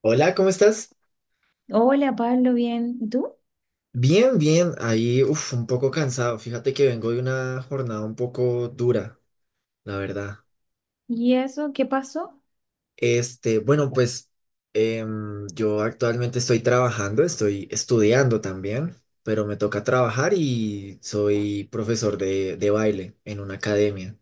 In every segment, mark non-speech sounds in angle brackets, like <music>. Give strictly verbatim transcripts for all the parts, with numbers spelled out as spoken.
Hola, ¿cómo estás? Hola Pablo, bien. ¿Y tú? Bien, bien. Ahí, uf, un poco cansado. Fíjate que vengo de una jornada un poco dura, la verdad. ¿Y eso qué pasó? Este, bueno, pues em, yo actualmente estoy trabajando, estoy estudiando también, pero me toca trabajar y soy profesor de, de baile en una academia.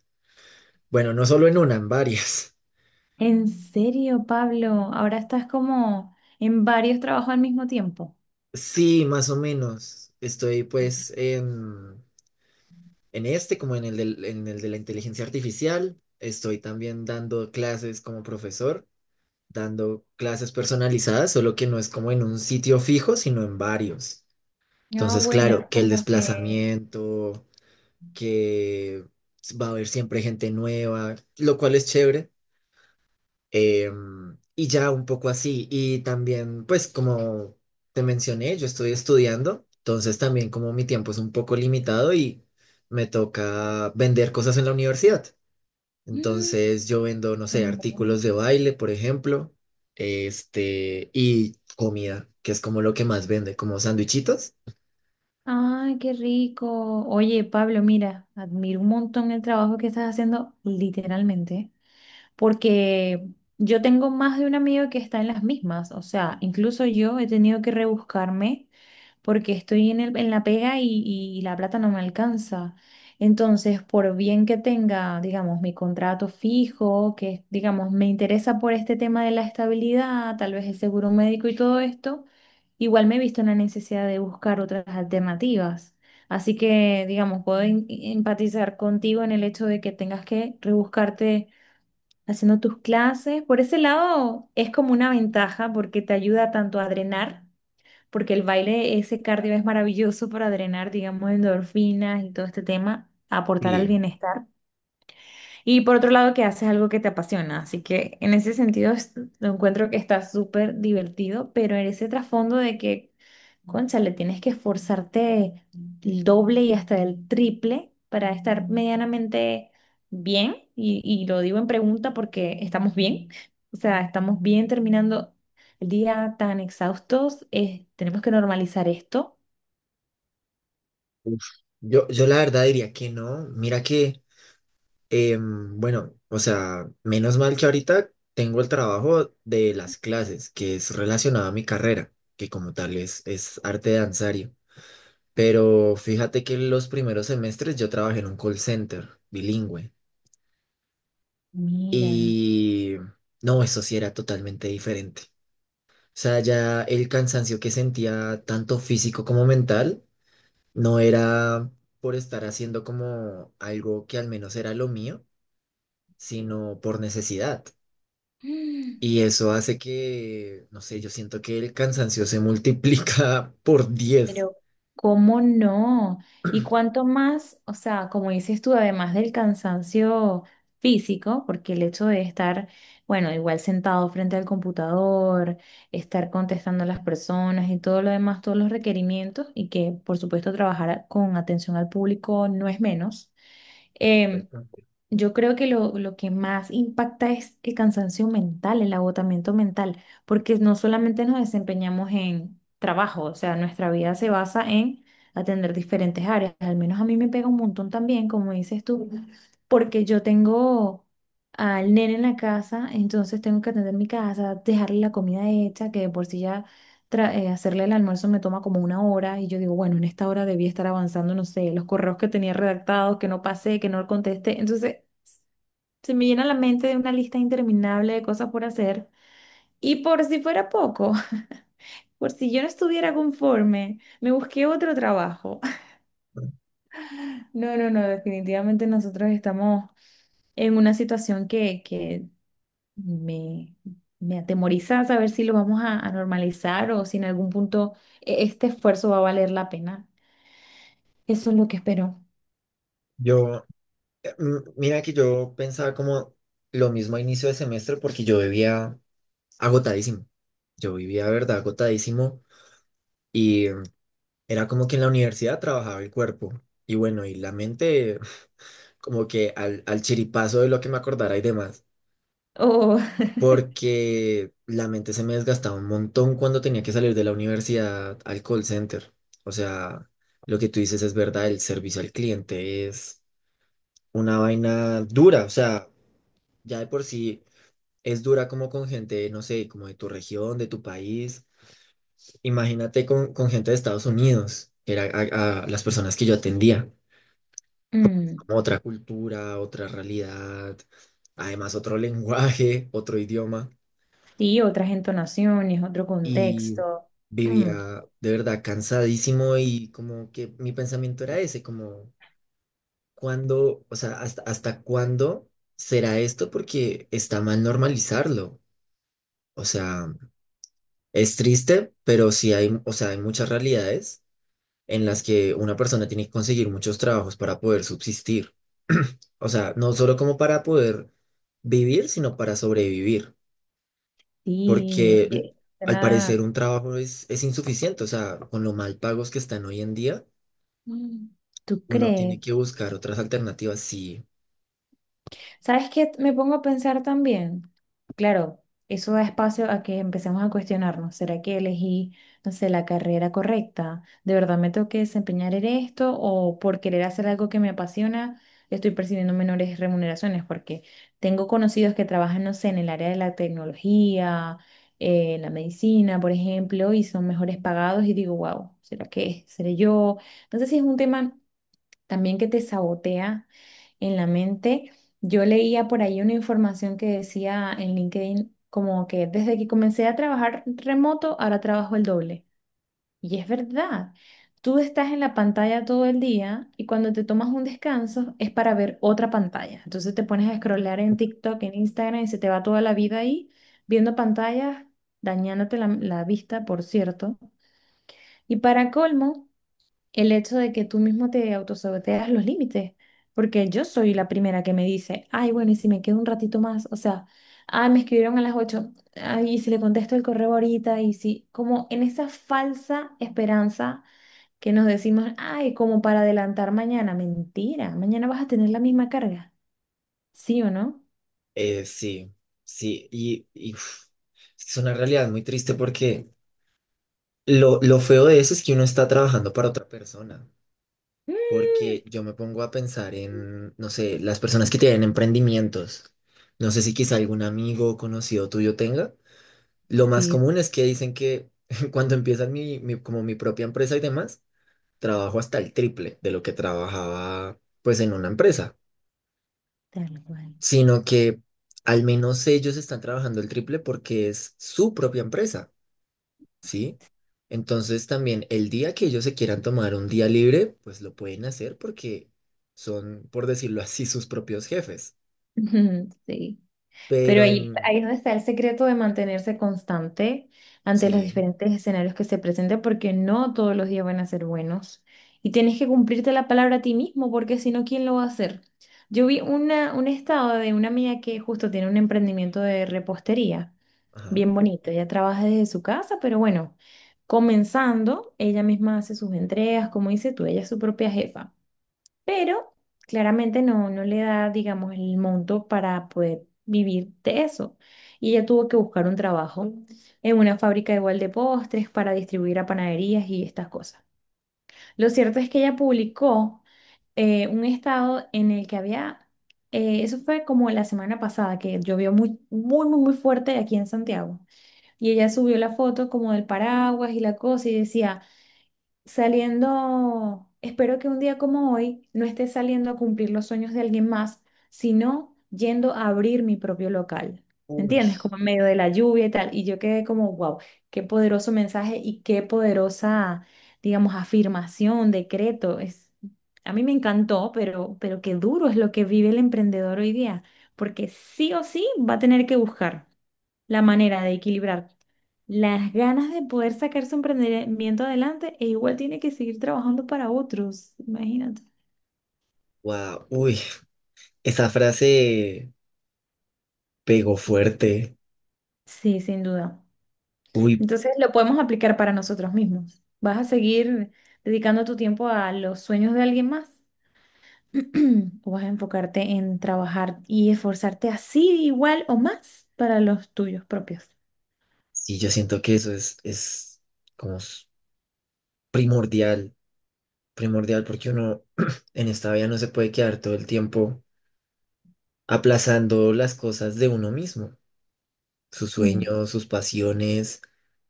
Bueno, no solo en una, en varias. <laughs> ¿En serio, Pablo? Ahora estás como en varios trabajos al mismo tiempo. Sí, más o menos. Estoy pues en, En este, como en el del- en el de la inteligencia artificial. Estoy también dando clases como profesor, dando clases personalizadas, solo que no es como en un sitio fijo, sino en varios. Ah, Entonces, claro, bueno, que el como que... desplazamiento, que va a haber siempre gente nueva, lo cual es chévere. Em, y ya un poco así. Y también, pues como te mencioné, yo estoy estudiando, entonces también como mi tiempo es un poco limitado y me toca vender cosas en la universidad. Mm. Entonces yo vendo, no sé, artículos de baile, por ejemplo, este, y comida, que es como lo que más vende, como sandwichitos. Ay, qué rico. Oye, Pablo, mira, admiro un montón el trabajo que estás haciendo, literalmente, porque yo tengo más de un amigo que está en las mismas. O sea, incluso yo he tenido que rebuscarme porque estoy en el, en la pega y, y la plata no me alcanza. Entonces, por bien que tenga, digamos, mi contrato fijo, que, digamos, me interesa por este tema de la estabilidad, tal vez el seguro médico y todo esto, igual me he visto en la necesidad de buscar otras alternativas. Así que, digamos, puedo en- empatizar contigo en el hecho de que tengas que rebuscarte haciendo tus clases. Por ese lado, es como una ventaja porque te ayuda tanto a drenar porque el baile, ese cardio es maravilloso para drenar, digamos, endorfinas y todo este tema, aportar al Sí. bienestar. Y por otro lado, que haces algo que te apasiona. Así que en ese sentido es- Lo encuentro que está súper divertido, pero en ese trasfondo de que, cónchale, tienes que esforzarte el doble y hasta el triple para estar medianamente bien. Y, y lo digo en pregunta porque estamos bien. O sea, estamos bien terminando el día tan exhaustos. Eh, tenemos que normalizar esto. uf, yo, yo la verdad diría que no. Mira que... Em, bueno, o sea, menos mal que ahorita tengo el trabajo de las clases, que es relacionado a mi carrera, que como tal es, es arte danzario. Pero fíjate que los primeros semestres yo trabajé en un call center bilingüe Mira. y no, eso sí era totalmente diferente. O sea, ya el cansancio que sentía, tanto físico como mental, no era por estar haciendo como algo que al menos era lo mío, sino por necesidad. Y <gasps> eso hace que, no sé, yo siento que el cansancio se multiplica <laughs> por diez. Pero, ¿cómo no? Y cuánto más, o sea, como dices tú, además del cansancio físico, porque el hecho de estar, bueno, igual sentado frente al computador, estar contestando a las personas y todo lo demás, todos los requerimientos, y que por supuesto trabajar a- con atención al público no es menos. em, yo creo que lo, lo que más impacta es el cansancio mental, el agotamiento mental, porque no solamente nos desempeñamos en trabajo, o sea, nuestra vida se basa en atender diferentes áreas. Al menos a mí me pega un montón también, como dices tú, porque yo tengo al nene en la casa, entonces tengo que atender mi casa, dejarle la comida hecha, que de por sí ya tra- eh, hacerle el almuerzo me toma como una hora y yo digo, bueno, en esta hora debía estar avanzando, no sé, los correos que tenía redactados, que no pasé, que no contesté. Entonces, se me llena la mente de una lista interminable de cosas por hacer. Y por si fuera poco, <laughs> por si yo no estuviera conforme, me busqué otro trabajo. <laughs> No, no, no, definitivamente nosotros estamos en una situación que, que me, me atemoriza saber si lo vamos a, a normalizar o si en algún punto e- este esfuerzo va a valer la pena. Eso es lo que espero. Yo, eh, m- mira que yo pensaba como lo mismo a inicio de semestre porque yo vivía agotadísimo. Yo vivía, de verdad, agotadísimo y eh, era como que en la universidad trabajaba el cuerpo y bueno, y la mente <laughs> como que al, al chiripazo de lo que me acordara y demás. Oh, Porque la mente se me desgastaba un montón cuando tenía que salir de la universidad al call center. O sea, lo que tú dices es verdad, el servicio al cliente es una vaina dura, o sea, ya de por sí es dura como con gente, no sé, como de tu región, de tu país. Imagínate con, con gente de Estados Unidos, que era a, a las personas que yo atendía, <laughs> mm, como otra cultura, otra realidad, además otro <laughs> lenguaje, otro idioma. sí, otras entonaciones, otro Y contexto. Mm, vivía de verdad cansadísimo y como que mi pensamiento era ese, como cuándo, o sea, hasta, hasta cuándo será esto porque está mal normalizarlo. O sea, es triste, pero sí hay, o sea, hay muchas realidades en las que una persona tiene que conseguir muchos trabajos para poder subsistir. <clears throat> O sea, no solo como para poder vivir, sino para sobrevivir. sí, Porque l- oye. al parecer Suena. un trabajo es, es insuficiente, o sea, con lo mal pagos que están hoy en día, Mm. ¿Tú uno crees? tiene que buscar otras alternativas, sí. ¿Sabes qué? Me pongo a pensar también. Claro, eso da espacio a que empecemos a cuestionarnos. ¿Será que elegí, no sé, la carrera correcta? ¿De verdad me tengo que desempeñar en esto? ¿O por querer hacer algo que me apasiona, estoy percibiendo menores remuneraciones? Porque tengo conocidos que trabajan, no sé, en el área de la tecnología, eh, en la medicina, por ejemplo, y son mejores pagados y digo, wow, ¿será que seré yo? No sé si es un tema también que te sabotea en la mente. Yo leía por ahí una información que decía en LinkedIn como que desde que comencé a trabajar remoto, ahora trabajo el doble. Y es verdad, tú estás en la pantalla todo el día y cuando te tomas un descanso es para ver otra pantalla. Entonces te pones a scrollear en TikTok, en Instagram y se te va toda la vida ahí viendo pantallas, dañándote la la vista, por cierto. Y para colmo, el hecho de que tú mismo te autosaboteas los límites, porque yo soy la primera que me dice, ay, bueno, y si me quedo un ratito más, o sea, ay, me escribieron a las ocho ay, y si le contesto el correo ahorita, y si, como en esa falsa esperanza que nos decimos, ay, como para adelantar mañana, mentira, mañana vas a tener la misma carga, ¿sí o no? Eh, sí, sí, y, y, uf, es una realidad muy triste porque lo, lo feo de eso es que uno está trabajando para otra persona, Mm, porque yo me pongo a pensar en, no sé, las personas que tienen emprendimientos. No sé si quizá algún amigo o conocido tuyo tenga, lo más sí, común es que dicen que <laughs> cuando empiezan mi, mi- como mi propia empresa y demás, trabajo hasta el triple de lo que trabajaba pues en una empresa, tal cual. sino que al menos ellos están trabajando el triple porque es su propia empresa, ¿sí? Entonces también el día que ellos se quieran tomar un día libre, pues lo pueden hacer porque son, por decirlo así, <laughs> sus propios jefes. <laughs> Sí. Pero Pero ahí, en... ahí es donde está el secreto de mantenerse constante ante los Sí, diferentes escenarios que se presenten, porque no todos los días van a ser buenos. Y tienes que cumplirte la palabra a ti mismo, porque si no, ¿quién lo va a hacer? Yo vi una, un estado de una amiga que justo tiene un emprendimiento de repostería, ajá. bien bonito. Ella trabaja desde su casa, pero bueno, comenzando, ella misma hace sus entregas, como dices tú, ella es su propia jefa, pero claramente no, no le da, digamos, el monto para poder vivir de eso. Y ella tuvo que buscar un trabajo en una fábrica igual de postres para distribuir a panaderías y estas cosas. Lo cierto es que ella publicó eh, un estado en el que había, eh, eso fue como la semana pasada, que llovió muy, muy, muy, muy fuerte aquí en Santiago. Y ella subió la foto como del paraguas y la cosa y decía saliendo, espero que un día como hoy no esté saliendo a cumplir los sueños de alguien más, sino yendo a abrir mi propio local. ¿Me Uy. entiendes? Como en medio de la lluvia y tal. Y yo quedé como, wow, qué poderoso mensaje y qué poderosa, digamos, afirmación, decreto. Es, a mí me encantó, pero, pero qué duro es lo que vive el emprendedor hoy día, porque sí o sí va a tener que buscar la manera de equilibrar las ganas de poder sacar su emprendimiento adelante e igual tiene que seguir trabajando para otros, imagínate. Wow, uy, esa frase pegó fuerte. Sí, sin duda. Uy, Entonces lo podemos aplicar para nosotros mismos. ¿Vas a seguir dedicando tu tiempo a los sueños de alguien más? <clears throat> ¿O vas a enfocarte en trabajar y esforzarte así igual o más para los tuyos propios? sí, yo siento que eso es, es como s- primordial, primordial porque uno <clears throat> en esta vida no se puede quedar todo el tiempo aplazando las cosas de uno mismo, sus Mm, sueños, sus pasiones,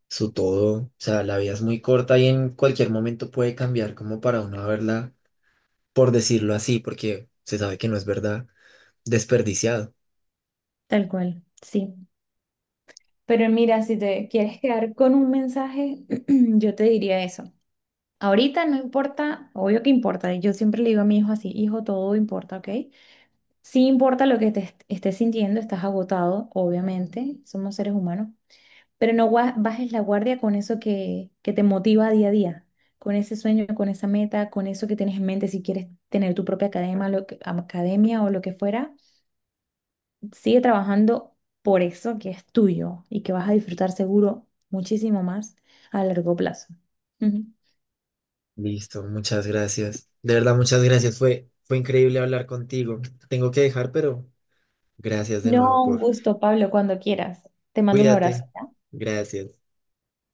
su todo. O sea, la vida es muy corta y en cualquier momento puede cambiar como para uno verla, por decirlo así, porque se sabe que no es verdad, desperdiciado. tal cual, sí. Pero mira, si te quieres quedar con un mensaje, <clears throat> yo te diría eso. Ahorita no importa, obvio que importa, yo siempre le digo a mi hijo así, hijo, todo importa, ¿ok? Sí importa lo que te est- estés sintiendo, estás agotado, obviamente, somos seres humanos, pero no gua- bajes la guardia con eso que, que te motiva día a día, con ese sueño, con esa meta, con eso que tienes en mente, si quieres tener tu propia academia, lo que- academia o lo que fuera, sigue trabajando por eso que es tuyo y que vas a disfrutar seguro muchísimo más a largo plazo. Ujú. Listo, muchas gracias. De verdad, muchas gracias. Fue, fue increíble hablar contigo. Tengo que dejar, pero gracias de nuevo No, un por... gusto, Pablo, cuando quieras. Te mando un abrazo. Cuídate. Gracias.